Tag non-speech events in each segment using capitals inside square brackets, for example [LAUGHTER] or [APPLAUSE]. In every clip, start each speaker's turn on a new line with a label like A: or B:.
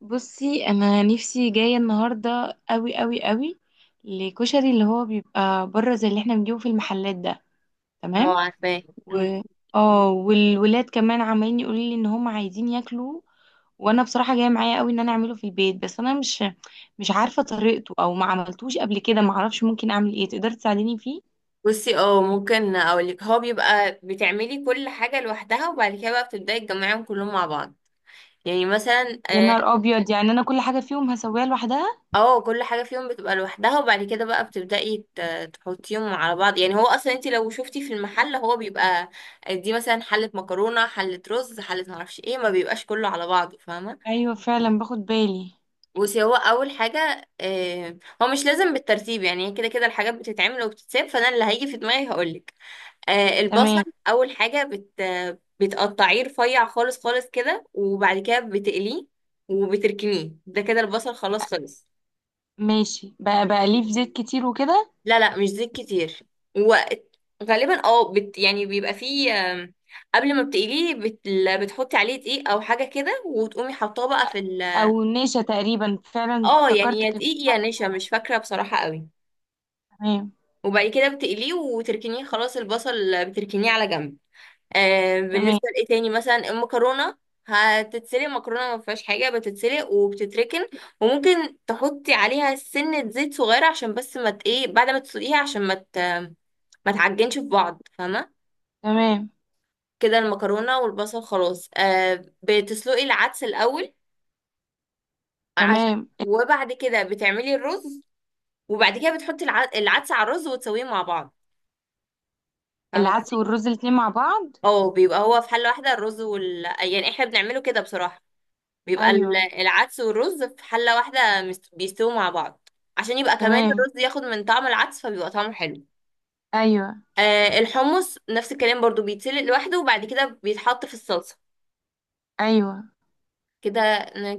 A: بصي، انا نفسي جايه النهارده قوي قوي قوي لكشري اللي هو بيبقى بره زي اللي احنا بنجيبه في المحلات ده.
B: اه،
A: تمام.
B: عارفاه. مم.
A: و اه والولاد كمان عمالين يقولوا لي ان هم عايزين ياكلوا. وانا بصراحه جايه معايا قوي ان انا اعمله في البيت، بس انا مش عارفه طريقته او ما عملتوش قبل كده، ما اعرفش ممكن اعمل ايه، تقدري تساعديني فيه؟
B: بصي، اه ممكن اقولك، هو بيبقى بتعملي كل حاجة لوحدها وبعد كده بقى بتبدأي تجمعيهم كلهم مع بعض. يعني مثلا
A: يا نهار ابيض، يعني انا كل حاجه فيهم هسويها لوحدها؟
B: كل حاجة فيهم بتبقى لوحدها وبعد كده بقى تحطيهم على بعض. يعني هو اصلا انت لو شفتي في المحل، هو بيبقى دي مثلا حلة مكرونة، حلة رز، حلة معرفش ايه، ما بيبقاش كله على بعضه، فاهمة.
A: ايوه فعلا باخد بالي.
B: بصي هو اول حاجة، آه، هو مش لازم بالترتيب، يعني كده كده الحاجات بتتعمل وبتتساب، فانا اللي هيجي في دماغي هقولك. آه، البصل
A: تمام.
B: اول حاجه، بتقطعيه رفيع خالص خالص كده وبعد كده بتقليه وبتركنيه، ده كده البصل خلاص خلص.
A: ماشي، بقى ليه في زيت كتير وكده؟
B: لا، مش زيت كتير. وغالبا اه بت يعني بيبقى فيه قبل ما بتقليه بتحطي عليه دقيق او حاجه كده، وتقومي حاطاه بقى في ال...
A: او نشا تقريبا، فعلا
B: اه يعني
A: افتكرت
B: يا
A: كان في
B: دقيق يا
A: حد.
B: نشا، مش فاكره بصراحه قوي.
A: تمام.
B: وبعد كده بتقليه وتركنيه خلاص، البصل بتركنيه على جنب. آه،
A: تمام،
B: بالنسبة لإيه تاني، مثلا المكرونة هتتسلق، مكرونة ما فيهاش حاجة، بتتسلق وبتتركن. وممكن تحطي عليها سنة زيت صغيرة عشان بس ما ت- ايه بعد ما تسلقيها عشان ما تعجنش في بعض، فاهمة.
A: تمام،
B: كده المكرونة والبصل خلاص. آه، بتسلقي العدس الأول عشان...
A: تمام،
B: وبعد كده بتعملي الرز، وبعد كده بتحطي العدس على الرز وتسويه مع بعض. فاهمة
A: العدس
B: قصدي؟
A: والرز الاتنين مع بعض؟
B: اه، بيبقى هو في حلة واحدة، الرز وال... يعني احنا بنعمله كده بصراحة، بيبقى
A: ايوه.
B: العدس والرز في حلة واحدة بيستووا مع بعض، عشان يبقى كمان
A: تمام.
B: الرز ياخد من طعم العدس، فبيبقى طعمه حلو.
A: ايوه.
B: آه، الحمص نفس الكلام برضو، بيتسلق لوحده وبعد كده بيتحط في الصلصة.
A: ايوه.
B: كده.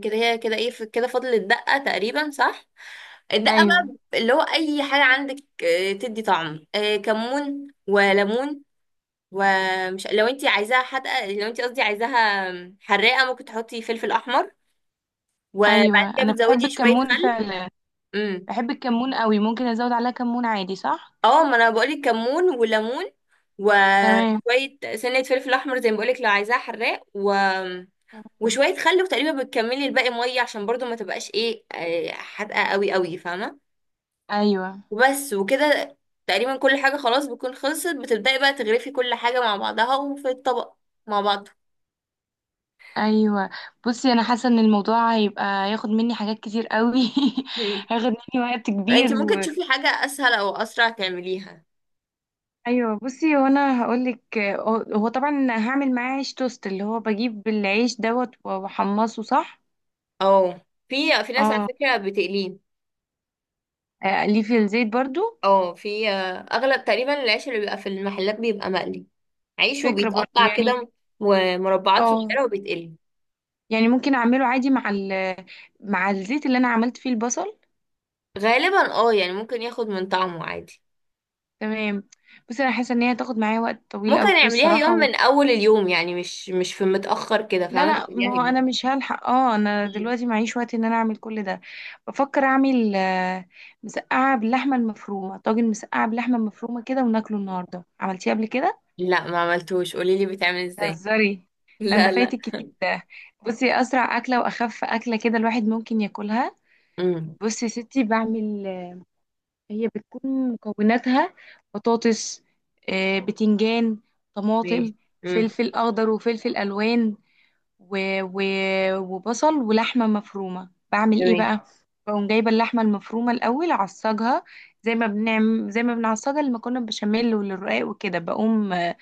B: كده هي كده، ايه كده فاضل الدقة تقريبا، صح. الدقة
A: ايوه.
B: بقى، اللي هو اي حاجة عندك آه، تدي طعم، آه كمون وليمون. لو انت عايزاها حادقة، لو انت قصدي عايزاها حراقة، ممكن تحطي فلفل احمر، وبعد
A: ايوه
B: كده
A: انا بحب
B: بتزودي شوية
A: الكمون
B: خل.
A: فعلا،
B: امم،
A: بحب الكمون قوي، ممكن ازود عليها كمون عادي صح؟
B: اه ما انا بقولك كمون وليمون.
A: تمام.
B: وشوية سنة فلفل احمر زي ما بقولك لو عايزاها حراق و... وشوية خل، وتقريبا بتكملي الباقي مية، عشان برضو ما تبقاش ايه آه، حادقة قوي قوي، فاهمة.
A: ايوه.
B: وبس وكده، تقريبا كل حاجة خلاص بتكون خلصت، بتبدأي بقى تغرفي كل حاجة مع بعضها وفي الطبق مع بعض.
A: ايوه. بصي، انا حاسه ان الموضوع هيبقى ياخد مني حاجات كتير قوي.
B: مم.
A: [LAUGHS] هياخد مني وقت كبير.
B: انت ممكن تشوفي حاجة اسهل او اسرع تعمليها.
A: ايوه. بصي وانا هقولك، هو طبعا هعمل معاه عيش توست، اللي هو بجيب العيش دوت واحمصه صح؟
B: اه، في ناس على
A: اه.
B: فكرة بتقليه.
A: اقليه في الزيت برضو؟
B: اه، في آه، اغلب تقريبا العيش اللي بيبقى في المحلات بيبقى مقلي، عيش
A: فكره برضو
B: وبيتقطع
A: يعني.
B: كده مربعات
A: اه،
B: صغيرة وبيتقلي.
A: يعني ممكن اعمله عادي مع مع الزيت اللي انا عملت فيه البصل.
B: غالبا اه، يعني ممكن ياخد من طعمه عادي.
A: تمام. بس انا حاسه ان هي هتاخد معايا وقت طويل
B: ممكن
A: قوي
B: نعمليها يوم
A: الصراحه.
B: من اول اليوم، يعني مش في متأخر كده،
A: لا،
B: فاهمة،
A: لا، ما
B: تعمليها
A: هو انا
B: يوم.
A: مش هلحق، اه انا
B: مم.
A: دلوقتي معيش وقت ان انا اعمل كل ده. بفكر اعمل مسقعه باللحمه المفرومه طاجن مسقعه باللحمه المفرومه كده وناكله النهارده، عملتيه قبل كده؟
B: لا، ما عملتوش، قوليلي بيتعمل ازاي.
A: بتهزري؟
B: [LAUGHS]
A: لا، ده
B: لا،
A: فايتك كتير ده. بصي، اسرع اكله واخف اكله كده الواحد ممكن ياكلها.
B: امم.
A: بصي يا ستي، بعمل هي بتكون مكوناتها بطاطس، بتنجان، طماطم،
B: ماشي. امم.
A: فلفل اخضر وفلفل الوان، و... و... وبصل ولحمة مفرومة. بعمل ايه
B: تمام.
A: بقى؟ بقوم جايبة اللحمة المفرومة الأول أعصجها، زي ما بنعصجها لما كنا بشاميل وللرقاق وكده. بقوم آه،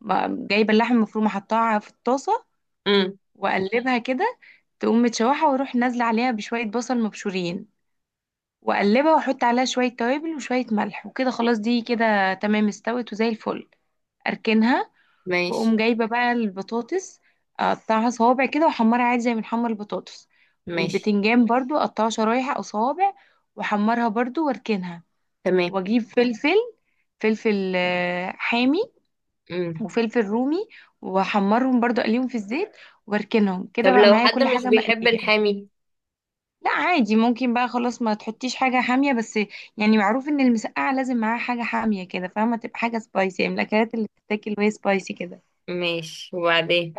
A: م- جايبة اللحمة المفرومة حطاها في الطاسة
B: امم.
A: وأقلبها كده، تقوم متشوحة، وأروح نازلة عليها بشوية بصل مبشورين وأقلبها وأحط عليها شوية توابل وشوية ملح وكده. خلاص دي كده تمام استوت وزي الفل. أركنها.
B: ماشي.
A: واقوم جايبه بقى البطاطس، اقطعها صوابع كده واحمرها عادي زي ما بنحمر البطاطس.
B: ماشي.
A: والبتنجان برضو اقطعه شرايح او صوابع واحمرها برضو واركنها.
B: تمام.
A: واجيب فلفل حامي
B: امم.
A: وفلفل رومي، واحمرهم برضو اقليهم في الزيت واركنهم
B: طب
A: كده بقى
B: لو
A: معايا
B: حد
A: كل
B: مش
A: حاجه
B: بيحب
A: مقليه.
B: الحامي.
A: لا عادي، ممكن بقى خلاص ما تحطيش حاجه حاميه. بس يعني معروف ان المسقعه لازم معاها حاجه حاميه كده فاهمه، تبقى حاجه سبايسي، من الاكلات اللي بتتاكل وهي سبايسي كده.
B: ماشي، وبعدين.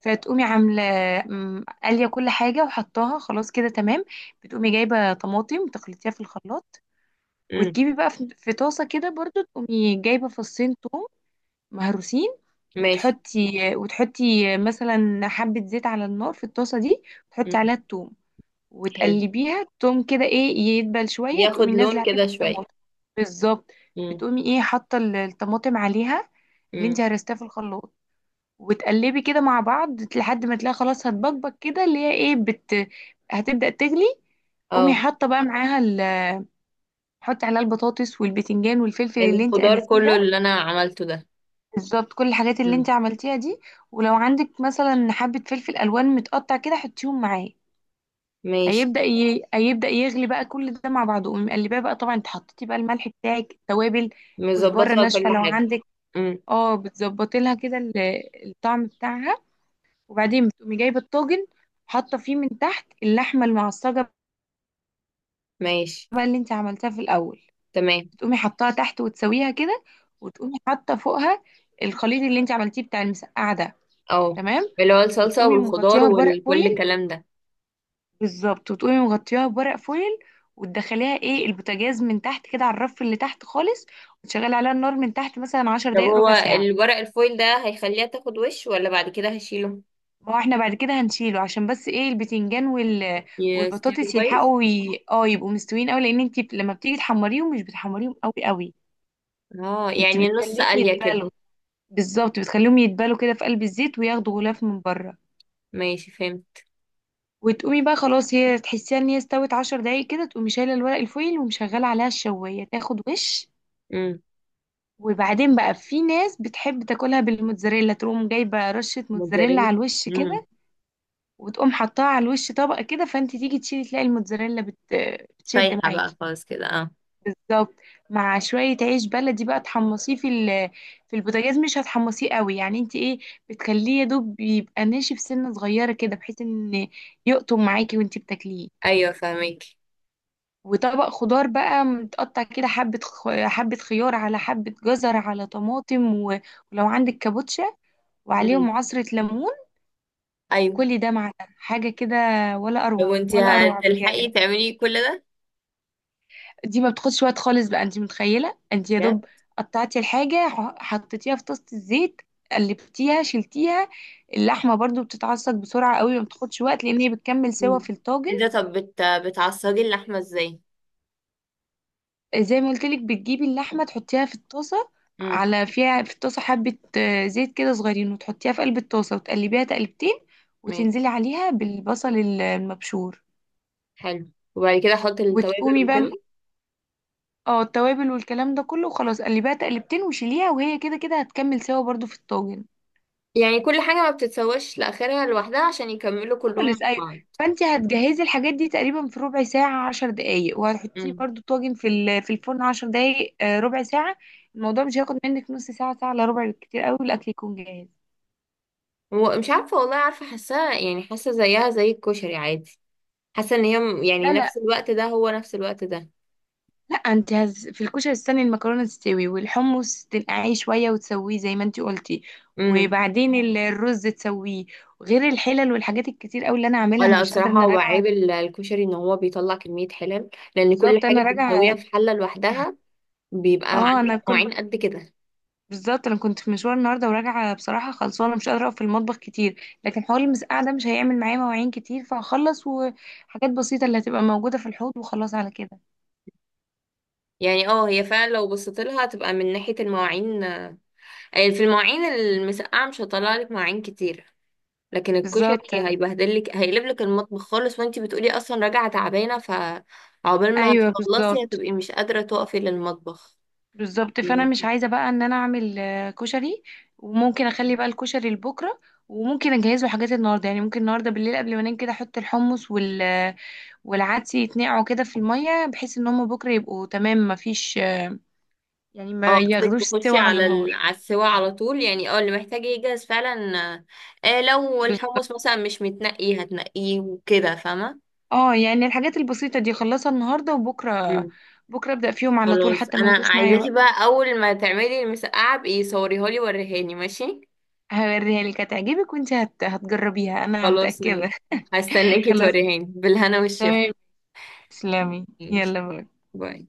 A: فتقومي عامله قاليه كل حاجه وحطاها خلاص كده تمام. بتقومي جايبه طماطم تخلطيها في الخلاط،
B: امم.
A: وتجيبي بقى في طاسه كده برضو، تقومي جايبه فصين توم مهروسين،
B: ماشي.
A: وتحطي مثلا حبه زيت على النار في الطاسه دي، وتحطي
B: امم.
A: عليها التوم
B: حلو،
A: وتقلبيها. التوم كده ايه، يدبل شويه، تقومي
B: ياخد
A: نازله
B: لون
A: عليه
B: كده شوية.
A: بالطماطم. بالظبط.
B: امم.
A: بتقومي حاطه الطماطم عليها، اللي انت
B: امم.
A: هرستيها في الخلاط، وتقلبي كده مع بعض لحد ما تلاقي خلاص هتبقبق كده، اللي هي ايه بت هتبدأ تغلي. قومي
B: اه،
A: حاطه بقى معاها حطي عليها البطاطس والبتنجان والفلفل اللي انت
B: الخضار
A: قلتيه
B: كله
A: ده.
B: اللي انا عملته ده.
A: بالظبط، كل الحاجات اللي
B: مم.
A: انت عملتيها دي. ولو عندك مثلا حبه فلفل الوان متقطع كده حطيهم معاه.
B: ماشي.
A: هيبدأ يغلي بقى كل ده مع بعضه، قومي مقلباه بقى. طبعا انت حطيتي بقى الملح بتاعك التوابل، كزبره
B: مظبطة بس
A: ناشفه
B: كل
A: لو
B: حاجة.
A: عندك.
B: مم.
A: اه، بتظبطي لها كده الطعم بتاعها. وبعدين بتقومي جايبه الطاجن، حاطه فيه من تحت اللحمه المعصجه
B: ماشي.
A: بقى اللي انت عملتها في الاول.
B: تمام.
A: بتقومي حطاها تحت وتسويها كده، وتقومي حاطه فوقها الخليط اللي انت عملتيه بتاع المسقعه ده.
B: اه،
A: تمام.
B: اللي هو الصلصة
A: وتقومي
B: والخضار
A: مغطياها بورق
B: وكل
A: فويل.
B: الكلام ده.
A: بالظبط، وتقومي مغطياها بورق فويل، وتدخليها البوتاجاز من تحت كده على الرف اللي تحت خالص، وتشغلي عليها النار من تحت مثلا عشر
B: طب
A: دقايق
B: هو
A: ربع ساعة.
B: الورق الفويل ده هيخليها تاخد وش، ولا بعد كده هشيله؟
A: ما هو احنا بعد كده هنشيله عشان بس البتنجان
B: يستوي
A: والبطاطس
B: كويس.
A: يلحقوا ي... اه يبقوا مستويين قوي، لان انت لما بتيجي تحمريهم مش بتحمريهم قوي قوي،
B: اه،
A: انت
B: يعني نص
A: بتخليهم
B: قلية كده.
A: يتبالوا. بالظبط، بتخليهم يتبالوا كده في قلب الزيت وياخدوا غلاف من بره.
B: ماشي، فهمت.
A: وتقومي بقى خلاص هي تحسيها ان هي استوت، 10 دقايق كده تقومي شايله الورق الفويل ومشغله عليها الشوايه تاخد وش.
B: امم.
A: وبعدين بقى في ناس بتحب تاكلها بالموتزاريلا، تقوم جايبه رشه موتزاريلا على
B: موتزاريلا.
A: الوش
B: امم.
A: كده، وتقوم حطاها على الوش طبقة كده. فانت تيجي تشيلي تلاقي الموتزاريلا بتشد
B: سايحة بقى
A: معاكي.
B: خالص كده، اه.
A: بالظبط. مع شوية عيش بلدي بقى تحمصيه في البوتاجاز، مش هتحمصيه قوي يعني، انت بتخليه يا دوب يبقى ناشف سنة صغيرة كده بحيث ان يقطم معاكي وانت بتاكليه.
B: ايوه، فهمك.
A: وطبق خضار بقى متقطع كده، حبة خيار على حبة جزر على طماطم ولو عندك كابوتشا،
B: امم.
A: وعليهم عصرة ليمون.
B: ايوه.
A: وكل ده مع ده حاجة كده، ولا
B: طب
A: أروع،
B: وانتي
A: ولا أروع بجد.
B: هتلحقي تعملي كل ده
A: دي ما بتاخدش وقت خالص بقى، انت متخيله، انت يا
B: بجد؟
A: دوب قطعتي الحاجه حطيتيها في طاسه الزيت قلبتيها شلتيها. اللحمه برضو بتتعصج بسرعه قوي، ما بتاخدش وقت لان هي بتكمل سوا
B: مم.
A: في الطاجن.
B: ايه ده، طب بت... بتعصجي اللحمة ازاي؟
A: زي ما قلت لك، بتجيبي اللحمه تحطيها في الطاسه،
B: امم.
A: على فيها في الطاسه حبه زيت كده صغيرين، وتحطيها في قلب الطاسه وتقلبيها تقلبتين،
B: ماشي،
A: وتنزلي عليها بالبصل المبشور.
B: حلو، وبعد كده احط التوابل
A: وتقومي بقى،
B: وكده.
A: اه التوابل والكلام ده كله، وخلاص قلبيها تقلبتين وشيليها، وهي كده كده هتكمل سوا برضو في الطاجن.
B: يعني كل حاجة ما بتتسواش لآخرها لوحدها عشان يكملوا كلهم مع
A: خالص، ايوه.
B: بعض.
A: فانت هتجهزي الحاجات دي تقريبا في ربع ساعه، 10 دقايق، وهتحطيه
B: امم.
A: برضو طاجن في في الفرن 10 دقايق، ربع ساعه. الموضوع مش هياخد منك نص ساعه، ساعه الا ربع بالكتير قوي الاكل يكون جاهز.
B: ومش عارفة والله، عارفة، حاساها يعني، حاسة زيها زي الكشري عادي. حاسة ان هي يعني
A: لا،
B: نفس
A: لا،
B: الوقت ده هو نفس الوقت ده.
A: لا. في الكشري استني المكرونه تستوي والحمص تنقعيه شويه وتسويه زي ما انت قلتي.
B: امم.
A: وبعدين الرز تسويه، غير الحلل والحاجات الكتير قوي اللي انا عاملها، انا
B: ولا
A: مش قادره،
B: بصراحة
A: انا
B: هو
A: راجعه.
B: عيب الكشري، ان هو بيطلع كمية حلل، لان كل
A: بالظبط،
B: حاجة
A: انا راجعه.
B: بتسويها في حلة لوحدها، بيبقى
A: اه انا
B: عندك
A: كنت
B: نوعين قد كده.
A: بالظبط انا كنت في مشوار النهارده وراجعه بصراحه خلصانه، مش قادره اقف في المطبخ كتير، لكن حوار المسقعه ده مش هيعمل معايا مواعين كتير فهخلص، وحاجات بسيطه اللي هتبقى موجوده في الحوض وخلاص على كده.
B: يعني اه، هي فعلا لو بصيت لها هتبقى من ناحية المواعين آه، في المواعين المسقعة مش هطلع لك مواعين كتير، لكن
A: بالظبط.
B: الكشري هيبهدل لك، هيقلب لك المطبخ خالص. وانتي بتقولي اصلا راجعة تعبانة، فعقبال ما
A: ايوه
B: هتخلصي
A: بالظبط.
B: هتبقي مش قادرة تقفي للمطبخ.
A: بالظبط، فانا مش عايزه بقى ان انا اعمل كشري، وممكن اخلي بقى الكشري لبكره، وممكن اجهزه حاجات النهارده، يعني ممكن النهارده بالليل قبل ما انام كده احط الحمص والعدس يتنقعوا كده في الميه، بحيث ان هم بكره يبقوا تمام ما فيش، يعني
B: اه،
A: ما
B: قصدك
A: ياخدوش
B: تخشي
A: سوا على
B: على ال...
A: النار.
B: على السوا على طول، يعني اه اللي محتاج يجهز فعلا. آه، لو الحمص مثلا مش متنقي هتنقيه وكده، فاهمة.
A: اه يعني الحاجات البسيطة دي خلصها النهاردة، وبكرة بكرة ابدأ فيهم على طول
B: خلاص،
A: حتى ما
B: انا
A: ياخدوش معايا
B: عايزاكي
A: وقت.
B: بقى اول ما تعملي المسقعه بقي صوريها لي، وريهاني، ماشي.
A: هوريها لك هتعجبك، وانت هتجربيها انا
B: خلاص،
A: متأكدة.
B: ماشي.
A: [LAUGHS]
B: هستناكي
A: خلاص.
B: توريهاني، بالهنا والشفا.
A: تمام. تسلمي،
B: ماشي،
A: يلا باي.
B: باي.